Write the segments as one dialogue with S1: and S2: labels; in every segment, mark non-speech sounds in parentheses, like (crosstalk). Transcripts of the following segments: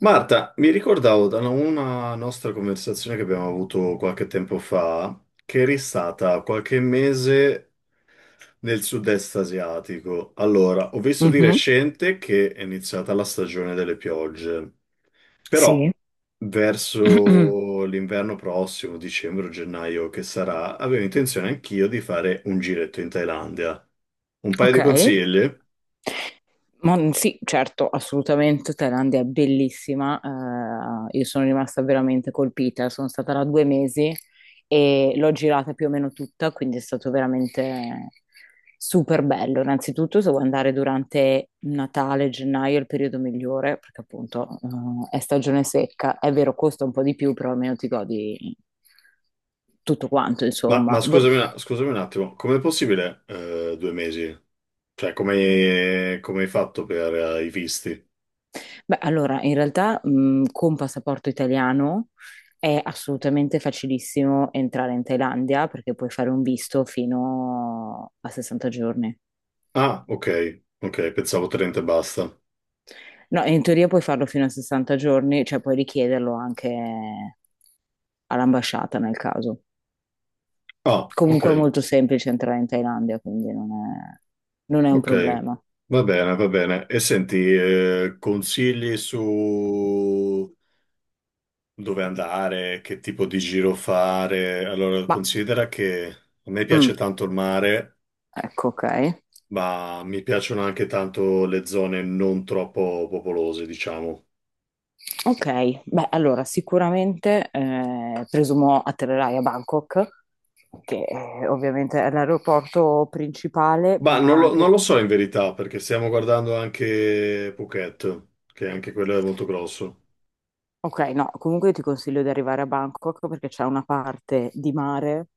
S1: Marta, mi ricordavo da una nostra conversazione che abbiamo avuto qualche tempo fa, che eri stata qualche mese nel sud-est asiatico. Allora, ho visto di
S2: Mhm,
S1: recente che è iniziata la stagione delle piogge, però
S2: sì, (clears throat)
S1: verso l'inverno prossimo, dicembre o gennaio che sarà, avevo intenzione anch'io di fare un giretto in Thailandia. Un paio
S2: ok.
S1: di consigli?
S2: Ma mhmm, sì, certo, assolutamente. Thailandia è bellissima. Io sono rimasta veramente colpita. Sono stata là 2 mesi e l'ho girata più o meno tutta, quindi è stato veramente super bello. Innanzitutto, se vuoi andare durante Natale, gennaio è il periodo migliore, perché appunto, è stagione secca. È vero, costa un po' di più, però almeno ti godi tutto quanto, insomma.
S1: Ma scusami, scusami un attimo, com'è possibile due mesi? Cioè, come, come hai fatto per i visti?
S2: Beh, allora, in realtà, con passaporto italiano è assolutamente facilissimo entrare in Thailandia perché puoi fare un visto fino a 60 giorni.
S1: Ah, ok, ok, pensavo 30 e basta.
S2: No, in teoria puoi farlo fino a 60 giorni, cioè puoi richiederlo anche all'ambasciata nel caso.
S1: Ah, ok,
S2: Comunque è molto semplice entrare in Thailandia, quindi non è un
S1: ok,
S2: problema.
S1: va bene, va bene. E senti, consigli su dove andare, che tipo di giro fare? Allora,
S2: Ma,
S1: considera che a me
S2: mm,
S1: piace tanto il mare,
S2: ecco, ok.
S1: ma mi piacciono anche tanto le zone non troppo popolose, diciamo.
S2: Ok, beh, allora sicuramente presumo atterrerai a Bangkok, che ovviamente è l'aeroporto principale,
S1: Ma
S2: ma
S1: non
S2: anche.
S1: lo so in verità, perché stiamo guardando anche Phuket, che anche quello è molto grosso.
S2: Ok, no, comunque io ti consiglio di arrivare a Bangkok perché c'è una parte di mare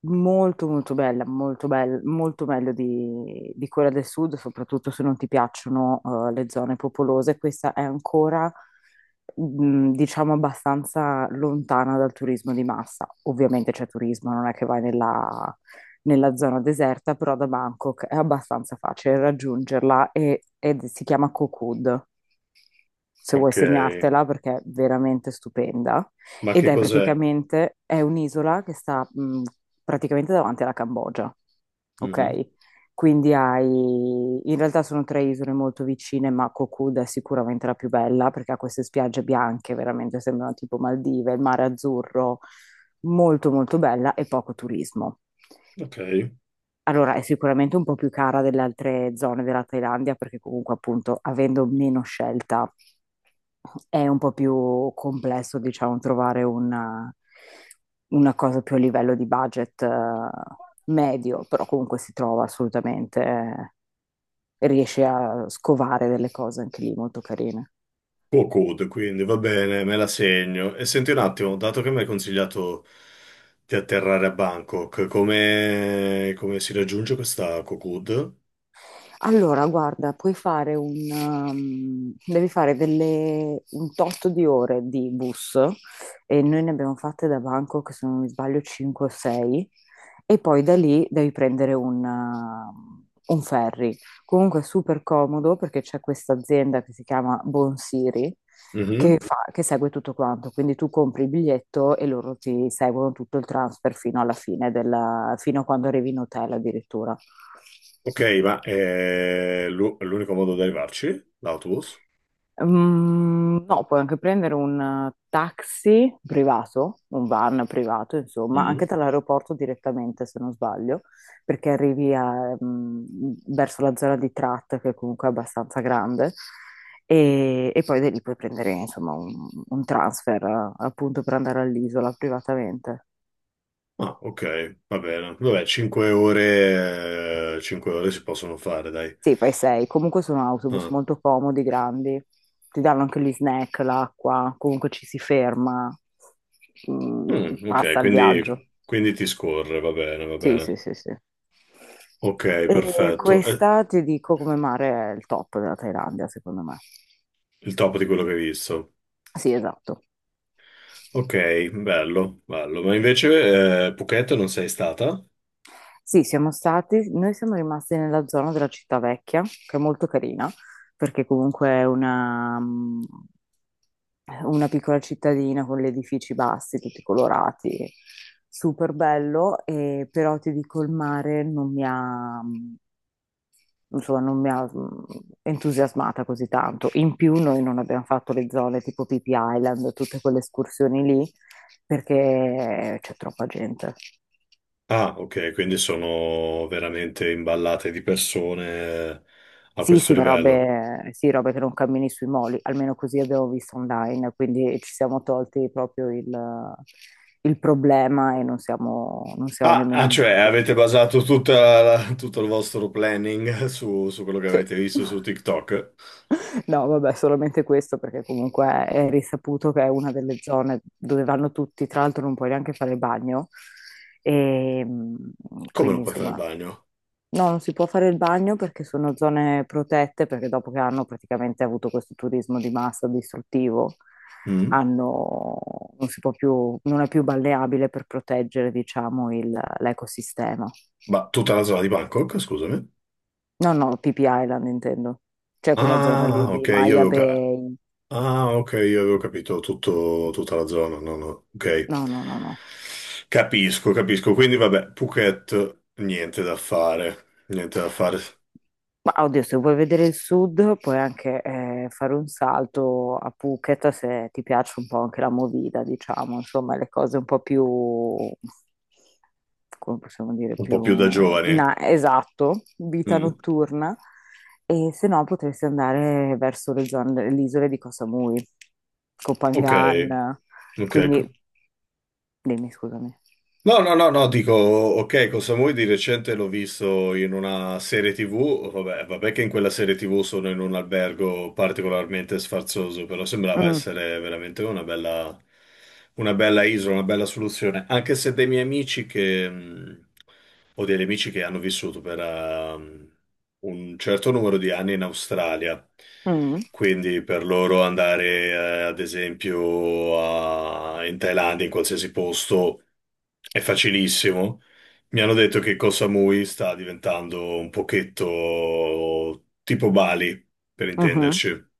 S2: molto molto bella, molto bella, molto meglio di quella del sud, soprattutto se non ti piacciono le zone popolose. Questa è ancora, diciamo, abbastanza lontana dal turismo di massa. Ovviamente c'è turismo, non è che vai nella zona deserta, però da Bangkok è abbastanza facile raggiungerla ed si chiama Koh Kood se vuoi
S1: Ok,
S2: segnartela perché è veramente stupenda
S1: ma
S2: ed
S1: che
S2: è
S1: cos'è?
S2: praticamente è un'isola che sta praticamente davanti alla Cambogia,
S1: Mhm.
S2: ok? Quindi hai, in realtà sono tre isole molto vicine, ma Koh Kood è sicuramente la più bella perché ha queste spiagge bianche, veramente sembrano tipo Maldive, il mare azzurro, molto molto bella e poco turismo.
S1: Ok,
S2: Allora, è sicuramente un po' più cara delle altre zone della Thailandia perché comunque appunto avendo meno scelta è un po' più complesso, diciamo, trovare una cosa più a livello di budget medio, però comunque si trova assolutamente, riesci a scovare delle cose anche lì molto carine.
S1: Cocod, quindi va bene, me la segno. E senti un attimo, dato che mi hai consigliato di atterrare a Bangkok, come, come si raggiunge questa Cocod?
S2: Allora, guarda, puoi fare un, um, devi fare delle, un tot di ore di bus e noi ne abbiamo fatte da Bangkok, se non mi sbaglio, 5 o 6 e poi da lì devi prendere un ferry. Comunque è super comodo perché c'è questa azienda che si chiama Bonsiri che
S1: Mhm.
S2: fa- che segue tutto quanto, quindi tu compri il biglietto e loro ti seguono tutto il transfer fino alla fine della, fino a quando arrivi in hotel addirittura.
S1: Ok, ma è l'unico modo di arrivarci? L'autobus?
S2: Mm, no, puoi anche prendere un taxi privato, un van privato, insomma, anche
S1: Mm.
S2: dall'aeroporto direttamente, se non sbaglio, perché arrivi a, verso la zona di Trat, che comunque è abbastanza grande, e poi da lì puoi prendere, insomma, un transfer, appunto, per andare all'isola privatamente.
S1: Ah, ok, va bene. Vabbè, 5 ore, 5 ore si possono fare, dai.
S2: Sì, fai sei. Comunque sono autobus
S1: Ah.
S2: molto comodi, grandi. Ti danno anche gli snack, l'acqua, comunque ci si ferma, mm,
S1: Mm, ok,
S2: passa il viaggio.
S1: quindi ti scorre, va bene, va
S2: Sì, sì,
S1: bene.
S2: sì, sì.
S1: Ok,
S2: E
S1: perfetto. È
S2: questa ti dico come mare è il top della Thailandia, secondo me.
S1: il top di quello che hai visto.
S2: Sì, esatto.
S1: Ok, bello, bello. Ma invece, Phuket non sei stata?
S2: Sì, siamo stati, noi siamo rimasti nella zona della città vecchia, che è molto carina, perché comunque è una piccola cittadina con gli edifici bassi, tutti colorati, super bello, però ti dico il mare non mi ha, mm, insomma, non mi ha entusiasmata così tanto. In più noi non abbiamo fatto le zone tipo Pippi Island, tutte quelle escursioni lì, perché c'è troppa gente.
S1: Ah, ok, quindi sono veramente imballate di persone a
S2: Sì,
S1: questo
S2: sì,
S1: livello.
S2: sì, robe che non cammini sui moli, almeno così abbiamo visto online, quindi ci siamo tolti proprio il problema e non siamo
S1: Ah,
S2: nemmeno
S1: ah, cioè
S2: andati.
S1: avete basato tutta tutto il vostro planning (laughs) su, su quello che
S2: Sì.
S1: avete visto su TikTok?
S2: No, vabbè, solamente questo perché comunque è risaputo che è una delle zone dove vanno tutti, tra l'altro non puoi neanche fare il bagno, e
S1: Come non
S2: quindi
S1: puoi fare il
S2: insomma.
S1: bagno?
S2: No, non si può fare il bagno perché sono zone protette, perché dopo che hanno praticamente avuto questo turismo di massa distruttivo,
S1: Mm?
S2: hanno, non si può più, non è più balneabile per proteggere, diciamo, l'ecosistema.
S1: Ma tutta la zona di Bangkok, scusami.
S2: No, no, PP Island intendo. C'è quella zona
S1: Ah,
S2: lì di
S1: ok,
S2: Maya Bay.
S1: ah, ok, io avevo capito tutto, tutta la zona. No, no, ok.
S2: No, no, no, no.
S1: Capisco, capisco. Quindi, vabbè, Phuket, niente da fare. Niente da fare.
S2: Ma oddio, se vuoi vedere il sud, puoi anche fare un salto a Phuket se ti piace un po' anche la movida, diciamo, insomma, le cose un po' più, come possiamo dire,
S1: Un po' più da
S2: più,
S1: giovani.
S2: esatto, vita
S1: Mm,
S2: notturna. E se no potresti andare verso le zone, delle isole di Koh Samui, Koh
S1: ok,
S2: Phangan,
S1: ok.
S2: quindi. Dimmi, scusami.
S1: No, no, no, no, dico, ok, con Samui di recente l'ho visto in una serie TV, vabbè, vabbè che in quella serie TV sono in un albergo particolarmente sfarzoso, però sembrava
S2: Mm,
S1: essere veramente una bella isola, una bella soluzione, anche se dei miei amici o degli amici che hanno vissuto per, un certo numero di anni in Australia.
S2: mm,
S1: Quindi per loro andare, ad esempio, in Thailandia, in qualsiasi posto, è facilissimo. Mi hanno detto che Koh Samui sta diventando un pochetto tipo Bali, per
S2: mhm.
S1: intenderci.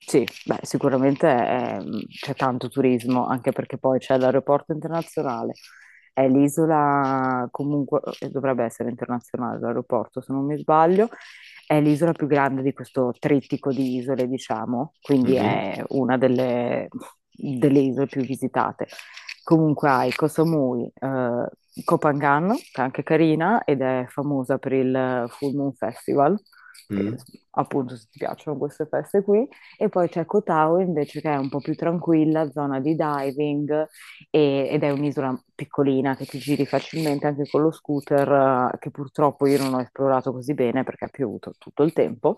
S2: Sì, beh, sicuramente c'è tanto turismo, anche perché poi c'è l'aeroporto internazionale, è l'isola comunque, dovrebbe essere internazionale l'aeroporto se non mi sbaglio, è l'isola più grande di questo trittico di isole, diciamo, quindi
S1: Mhm,
S2: è una delle isole più visitate. Comunque hai Koh Samui, Koh Phangan, che è anche carina ed è famosa per il Full Moon Festival, che
S1: mhm.
S2: appunto se ti piacciono queste feste qui. E poi c'è Koh Tao invece che è un po' più tranquilla, zona di diving ed è un'isola piccolina che ti giri facilmente anche con lo scooter, che purtroppo io non ho esplorato così bene perché ha piovuto tutto il tempo.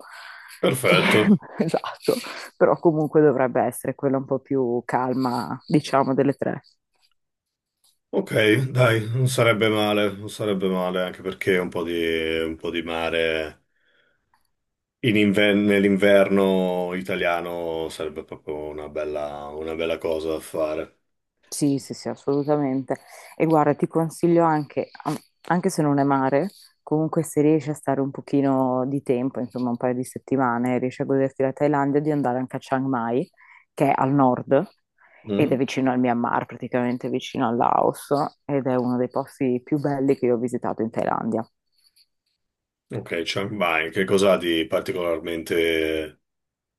S2: E-
S1: Perfetto.
S2: (laughs) esatto, però comunque dovrebbe essere quella un po' più calma, diciamo, delle tre.
S1: Ok, dai, non sarebbe male, non sarebbe male, anche perché un po' di mare. Nell'inverno italiano sarebbe proprio una bella cosa da fare.
S2: Sì, sì, sì, assolutamente. E guarda, ti consiglio anche, anche se non è mare, comunque se riesci a stare un pochino di tempo, insomma un paio di settimane, riesci a goderti la Thailandia, di andare anche a Chiang Mai, che è al nord ed è
S1: Mhm.
S2: vicino al Myanmar, praticamente vicino al Laos, ed è uno dei posti più belli che io ho visitato in Thailandia.
S1: Ok, cioè, vai, che cosa ha di particolarmente...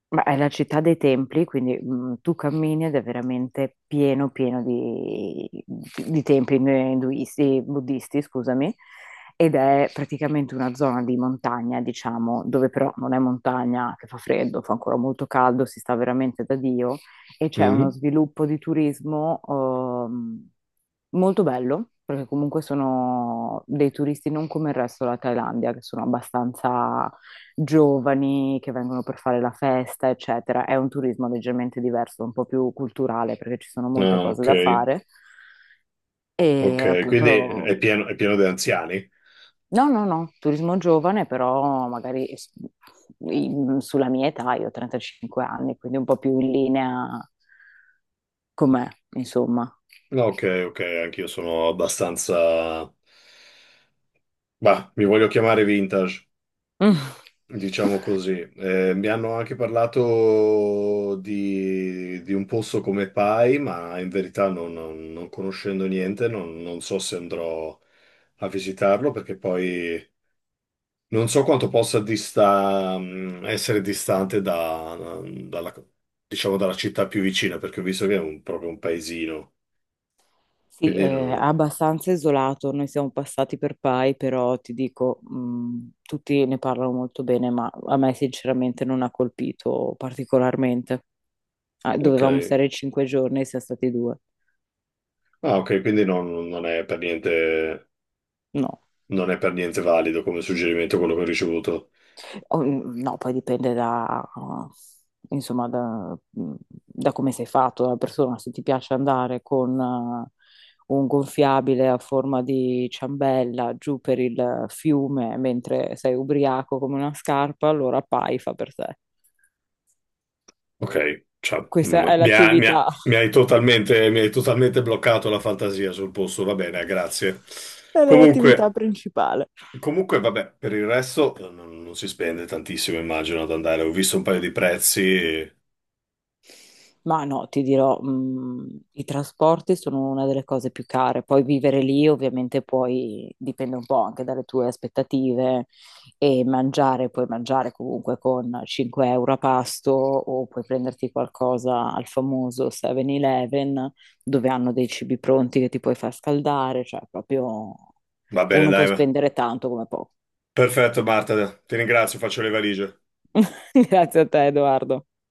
S2: Ma è la città dei templi, quindi tu cammini ed è veramente pieno di templi induisti, buddisti, scusami, ed è praticamente una zona di montagna, diciamo, dove però non è montagna, che fa freddo, fa ancora molto caldo, si sta veramente da Dio, e c'è uno
S1: Mhm.
S2: sviluppo di turismo molto bello, perché comunque sono dei turisti non come il resto della Thailandia, che sono abbastanza giovani che vengono per fare la festa, eccetera. È un turismo leggermente diverso, un po' più culturale perché ci sono molte
S1: Ah,
S2: cose
S1: ok,
S2: da fare e
S1: ok, quindi
S2: appunto
S1: è pieno di anziani?
S2: no, no, no, turismo giovane, però magari sulla mia età, io ho 35 anni, quindi un po' più in linea con me, insomma.
S1: No, ok, ok, anch'io sono abbastanza... Bah, mi voglio chiamare vintage.
S2: Mm.
S1: Diciamo così. Mi hanno anche parlato di un posto come Pai, ma in verità non conoscendo niente, non so se andrò a visitarlo perché poi non so quanto essere distante dalla, diciamo, dalla città più vicina, perché ho visto che è proprio un paesino.
S2: Sì, è
S1: Quindi, non-
S2: abbastanza isolato, noi siamo passati per Pai, però ti dico, tutti ne parlano molto bene, ma a me sinceramente non ha colpito particolarmente. Ah,
S1: ok.
S2: dovevamo stare 5 giorni, siamo stati due.
S1: Ah, ok, quindi non è per niente,
S2: No.
S1: non è per niente valido come suggerimento quello che ho ricevuto.
S2: No, poi dipende da, insomma, da come sei fatto, dalla persona. Se ti piace andare con un gonfiabile a forma di ciambella giù per il fiume mentre sei ubriaco come una scarpa, allora pai fa per te.
S1: Ok, cioè,
S2: Questa è l'attività, (laughs)
S1: mi hai totalmente bloccato la fantasia sul posto, va bene, grazie.
S2: è l'attività
S1: Comunque,
S2: principale.
S1: comunque, vabbè, per il resto non si spende tantissimo, immagino, ad andare. Ho visto un paio di prezzi,
S2: Ma no, ti dirò, i trasporti sono una delle cose più care. Poi vivere lì ovviamente poi dipende un po' anche dalle tue aspettative e mangiare, puoi mangiare comunque con 5 € a pasto o puoi prenderti qualcosa al famoso 7-Eleven dove hanno dei cibi pronti che ti puoi far scaldare, cioè proprio
S1: va bene,
S2: uno può
S1: dai, va.
S2: spendere tanto come poco.
S1: Perfetto Marta, ti ringrazio, faccio le valigie.
S2: (laughs) Grazie a te, Edoardo.